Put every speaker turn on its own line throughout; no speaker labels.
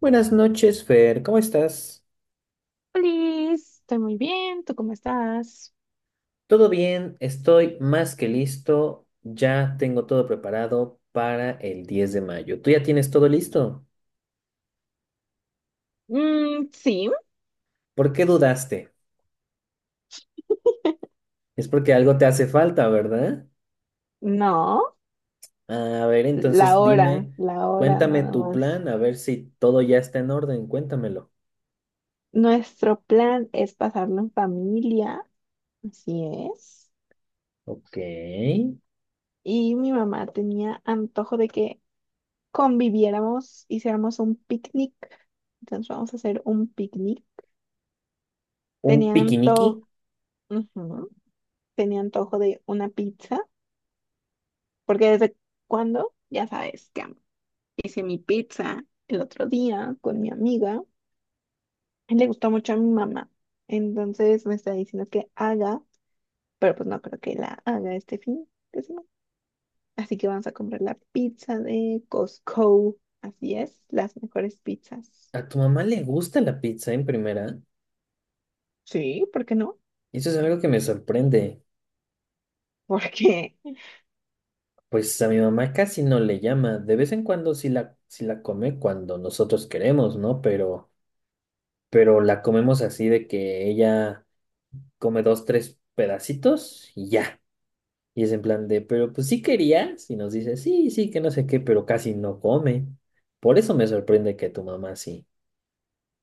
Buenas noches, Fer. ¿Cómo estás?
Liz, estoy muy bien, ¿tú cómo estás?
¿Todo bien? Estoy más que listo. Ya tengo todo preparado para el 10 de mayo. ¿Tú ya tienes todo listo?
Mm, sí.
¿Por qué dudaste? Es porque algo te hace falta, ¿verdad?
No,
A ver, entonces dime,
la hora
cuéntame
nada
tu
más.
plan, a ver si todo ya está en orden. Cuéntamelo.
Nuestro plan es pasarlo en familia, así es.
Ok.
Y mi mamá tenía antojo de que conviviéramos, hiciéramos un picnic. Entonces vamos a hacer un picnic.
¿Un
Tenía
piquiniqui?
antojo, ujú, tenía antojo de una pizza, porque desde cuando, ya sabes que hice mi pizza el otro día con mi amiga. Le gustó mucho a mi mamá. Entonces me está diciendo que haga, pero pues no creo que la haga este fin de semana. Así que vamos a comprar la pizza de Costco. Así es, las mejores pizzas.
¿A tu mamá le gusta la pizza en primera?
Sí, ¿por qué no?
Eso es algo que me sorprende.
Porque,
Pues a mi mamá casi no le llama. De vez en cuando sí la come cuando nosotros queremos, ¿no? Pero la comemos así de que ella come dos, tres pedacitos y ya. Y es en plan de, pero pues sí querías. Y nos dice, sí, sí, que no sé qué, pero casi no come. Por eso me sorprende que tu mamá sí.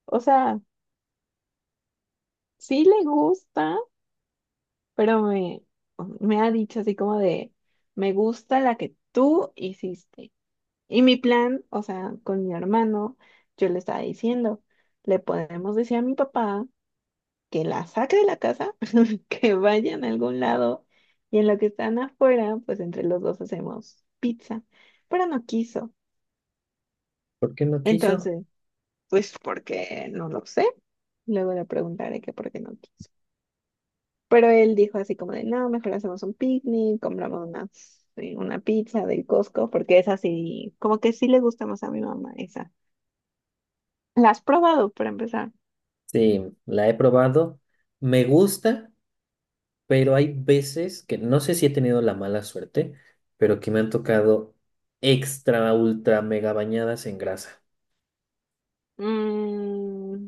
o sea, sí le gusta, pero me, me ha dicho así como de, me gusta la que tú hiciste. Y mi plan, o sea, con mi hermano, yo le estaba diciendo, le podemos decir a mi papá que la saque de la casa, que vayan a algún lado y en lo que están afuera, pues entre los dos hacemos pizza, pero no quiso.
¿Por qué no quiso?
Entonces, pues porque no lo sé, luego le preguntaré que por qué no quiso. Pero él dijo así como de, no, mejor hacemos un picnic, compramos una sí, una pizza del Costco, porque es así, como que sí le gusta más a mi mamá esa. ¿La has probado para empezar?
Sí, la he probado. Me gusta, pero hay veces que no sé si he tenido la mala suerte, pero que me han tocado extra, ultra, mega bañadas en grasa.
Mm,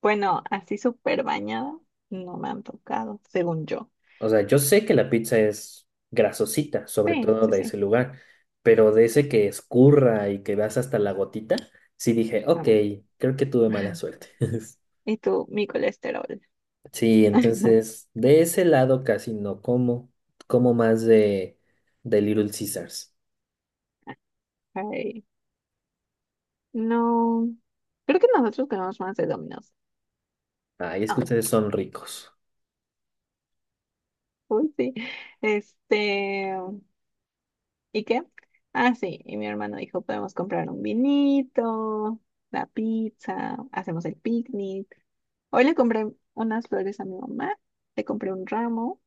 bueno, así súper bañada, no me han tocado, según yo.
O sea, yo sé que la pizza es grasosita, sobre
Sí,
todo
sí,
de
sí.
ese lugar, pero de ese que escurra y que vas hasta la gotita, sí dije, ok,
Am.
creo que tuve mala suerte.
Y tú, mi colesterol.
Sí, entonces de ese lado casi no como, como más de Little Caesars.
Ay, no. Creo que nosotros comemos más de Domino's.
Ay, es
Ah,
que ustedes son ricos.
uy, sí. Este, ¿y qué? Ah, sí. Y mi hermano dijo, podemos comprar un vinito, la pizza, hacemos el picnic. Hoy le compré unas flores a mi mamá, le compré un ramo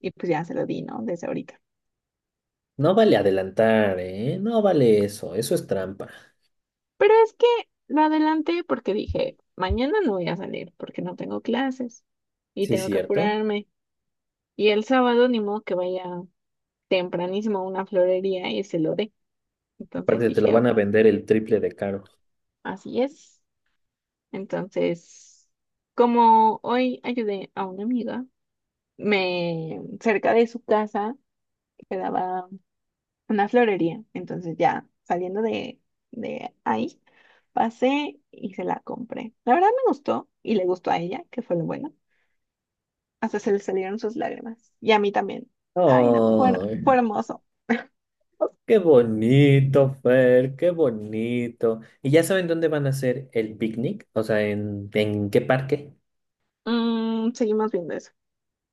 y pues ya se lo di, ¿no? Desde ahorita.
No vale adelantar, ¿eh? No vale eso, eso es trampa.
Pero es que lo adelanté porque dije, mañana no voy a salir porque no tengo clases y
Sí,
tengo que
cierto.
apurarme. Y el sábado ni modo que vaya tempranísimo a una florería y se lo dé. Entonces
Aparte te lo
dije, "Ah,
van a vender el triple de caro.
así es". Entonces, como hoy ayudé a una amiga, me cerca de su casa quedaba una florería. Entonces ya saliendo de ahí, pasé y se la compré. La verdad me gustó y le gustó a ella, que fue lo bueno. Hasta se le salieron sus lágrimas. Y a mí también. Ay, no,
Oh,
fue hermoso.
qué bonito, Fer, qué bonito. ¿Y ya saben dónde van a hacer el picnic? O sea, en qué parque?
Mm, seguimos viendo eso.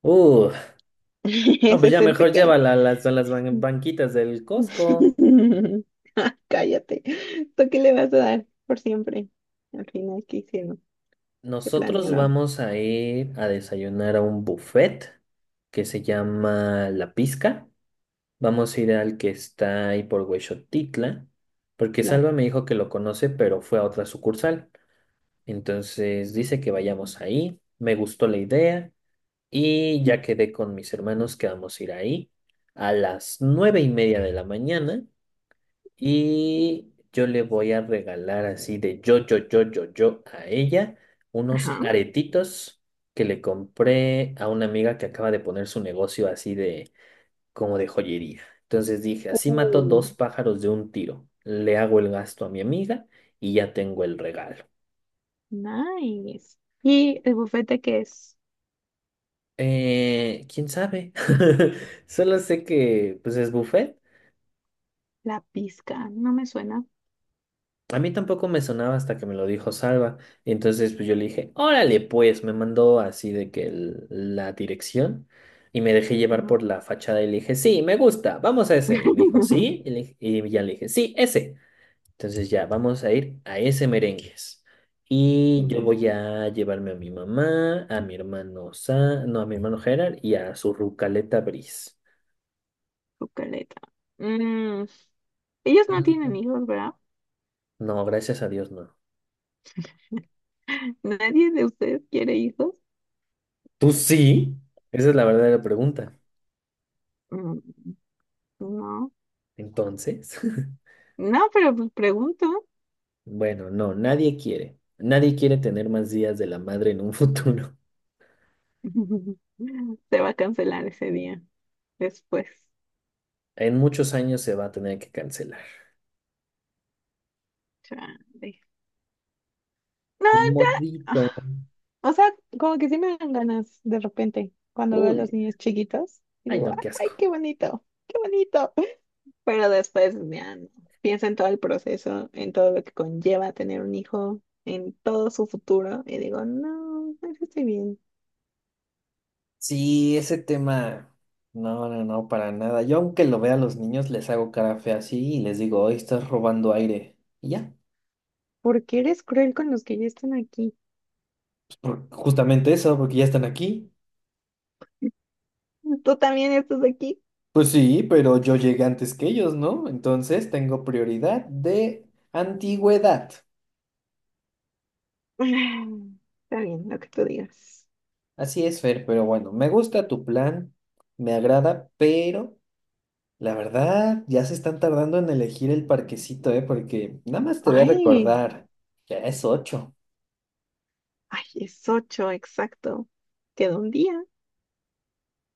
Uh, no,
Ese
pues
es
ya
el
mejor
pequeño.
llévala a las, a las banquitas del Costco.
Ah, cállate. ¿Tú qué le vas a dar por siempre? Al final, ¿qué hicieron? ¿Qué
Nosotros
planearon?
vamos a ir a desayunar a un buffet que se llama La Pizca. Vamos a ir al que está ahí por Huexotitla, porque
La...
Salva me dijo que lo conoce, pero fue a otra sucursal. Entonces dice que vayamos ahí. Me gustó la idea y ya quedé con mis hermanos que vamos a ir ahí a las 9:30 de la mañana y yo le voy a regalar así de yo, yo, yo, yo, yo a ella unos
Ajá.
aretitos que le compré a una amiga que acaba de poner su negocio así de como de joyería. Entonces dije, así mato
Uh,
dos pájaros de un tiro. Le hago el gasto a mi amiga y ya tengo el regalo.
nice. ¿Y el bufete que es?
¿Quién sabe? Solo sé que pues es buffet.
La pizca. No me suena.
A mí tampoco me sonaba hasta que me lo dijo Salva. Entonces pues yo le dije, órale pues, me mandó así de que la dirección y me dejé llevar
No.
por la fachada y le dije, sí, me gusta, vamos a ese. Y me dijo, sí, y, le- y ya le dije, sí, ese. Entonces ya, vamos a ir a ese merengues. Y yo
Una
voy a llevarme a mi mamá, a mi hermano Sa, no, a mi hermano Gerard y a su Rucaleta Briz.
Bucaleta. Mm, ellos no tienen
Mm.
hijos, ¿verdad?
No, gracias a Dios, no.
¿Nadie de ustedes quiere hijos?
¿Tú sí? Esa es la verdadera pregunta.
Mm, no,
Entonces,
no, pero pues pregunto.
bueno, no, nadie quiere. Nadie quiere tener más días de la madre en un futuro.
Se va a cancelar ese día después.
En muchos años se va a tener que cancelar.
Chale. No,
Ni
ya.
modito.
Ah, o sea, como que sí me dan ganas de repente cuando veo a los
Uy,
niños chiquitos y
ay
digo,
no, qué asco.
ay, qué bonito, qué bonito. Pero después, ya no. Pienso en todo el proceso, en todo lo que conlleva tener un hijo, en todo su futuro y digo, no, eso estoy bien.
Sí, ese tema, no, no, no, para nada. Yo aunque lo vea a los niños, les hago cara fea así y les digo, hoy estás robando aire. Y ya,
¿Porque eres cruel con los que ya están aquí?
pues, justamente eso, porque ya están aquí.
Tú también estás aquí.
Pues sí, pero yo llegué antes que ellos, ¿no? Entonces tengo prioridad de antigüedad.
Está bien, lo que tú digas.
Así es, Fer, pero bueno, me gusta tu plan, me agrada, pero la verdad ya se están tardando en elegir el parquecito, ¿eh? Porque nada más te voy a
Ay,
recordar, ya es 8.
ay, es ocho, exacto. Queda un día.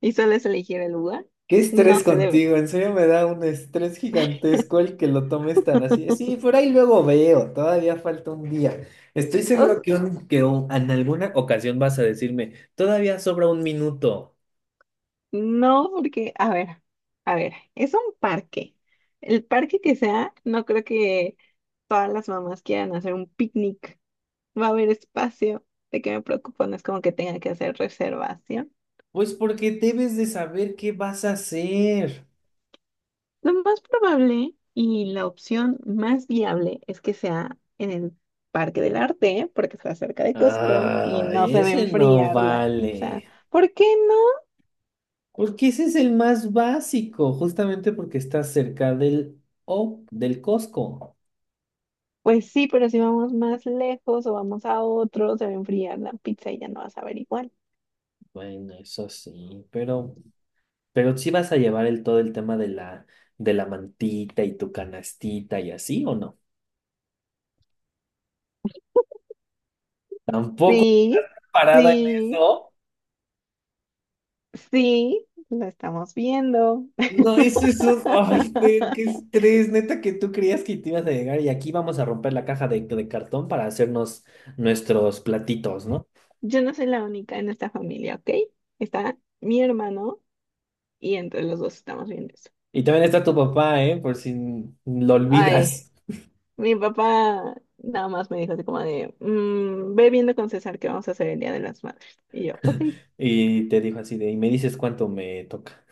¿Y sueles elegir el lugar?
Qué
No
estrés
se debe.
contigo, en serio me da un estrés gigantesco el que lo tomes tan así. Sí, por ahí luego veo, todavía falta un día. Estoy
O
seguro
s-
que en alguna ocasión vas a decirme, todavía sobra un minuto.
no, porque, a ver, es un parque. El parque que sea, no creo que todas las mamás quieran hacer un picnic. Va a haber espacio. ¿De qué me preocupo? No es como que tenga que hacer reservación.
Pues porque debes de saber qué vas a hacer.
Lo más probable y la opción más viable es que sea en el Parque del Arte, porque está cerca de Costco y no
Ay,
se va a
ese no
enfriar la pizza.
vale.
¿Por qué no?
Porque ese es el más básico, justamente porque está cerca del, o del Costco.
Pues sí, pero si vamos más lejos o vamos a otro, se va a enfriar la pizza y ya no vas a ver igual.
Bueno, eso sí, pero... Pero sí vas a llevar el todo el tema de la, mantita y tu canastita y así, ¿o no? Tampoco
Sí,
parada en
sí,
eso.
sí, lo estamos viendo.
No, eso es un... Ay, Fer, qué estrés, neta, que tú creías que te ibas a llegar y aquí vamos a romper la caja de cartón para hacernos nuestros platitos, ¿no?
Yo no soy la única en esta familia, ¿ok? Está mi hermano y entre los dos estamos viendo eso.
Y también está tu papá, ¿eh? Por si lo
Ay.
olvidas.
Mi papá nada más me dijo así como de, "Mm, ve viendo con César que vamos a hacer el Día de las Madres". Y yo, ok,
Y te dijo así de, y me dices cuánto me toca.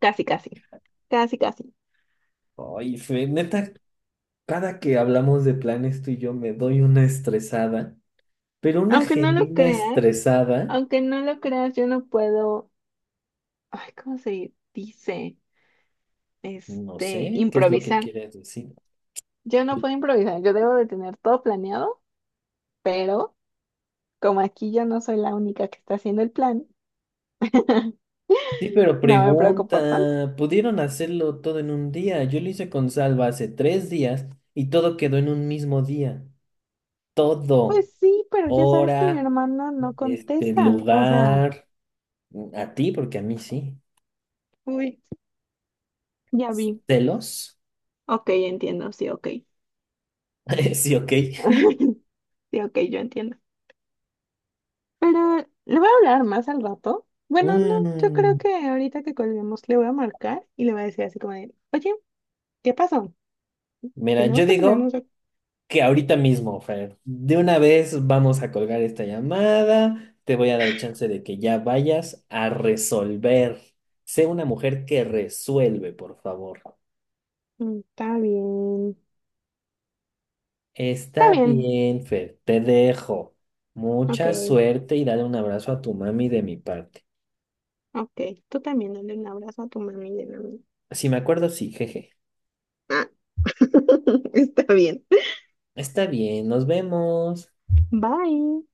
casi, casi, casi, casi.
Ay, Fer, neta, cada que hablamos de planes tú y yo me doy una estresada, pero una
Aunque no lo
genuina
creas,
estresada,
aunque no lo creas, yo no puedo, ay, ¿cómo se dice?
no
Este,
sé qué es lo que
improvisar.
quieres decir.
Yo no puedo improvisar, yo debo de tener todo planeado, pero como aquí yo no soy la única que está haciendo el plan,
Sí, pero
no me preocupo tanto.
pregunta, pudieron hacerlo todo en un día. Yo lo hice con Salva hace 3 días y todo quedó en un mismo día. Todo,
Pues sí, pero ya sabes que mi
hora,
hermana no
este
contesta, o sea,
lugar, a ti, porque a mí sí.
uy, ya vi.
Celos,
Ok, entiendo, sí, ok.
sí, ok.
Sí, ok, yo entiendo. Pero le voy a hablar más al rato. Bueno, no, yo creo
Mm,
que ahorita que colguemos le voy a marcar y le voy a decir así como de, oye, ¿qué pasó?
mira,
Tenemos
yo
que
digo
ponernos...
que ahorita mismo, Fer. De una vez vamos a colgar esta llamada. Te voy a dar chance de que ya vayas a resolver. Sé una mujer que resuelve, por favor.
"Mm, está bien, está
Está
bien".
bien, Fer. Te dejo.
Ok,
Mucha suerte y dale un abrazo a tu mami de mi parte.
ok. Tú también dale un abrazo a tu mami de la mía.
Si me acuerdo, sí, jeje.
Ah, está bien.
Está bien, nos vemos.
Bye.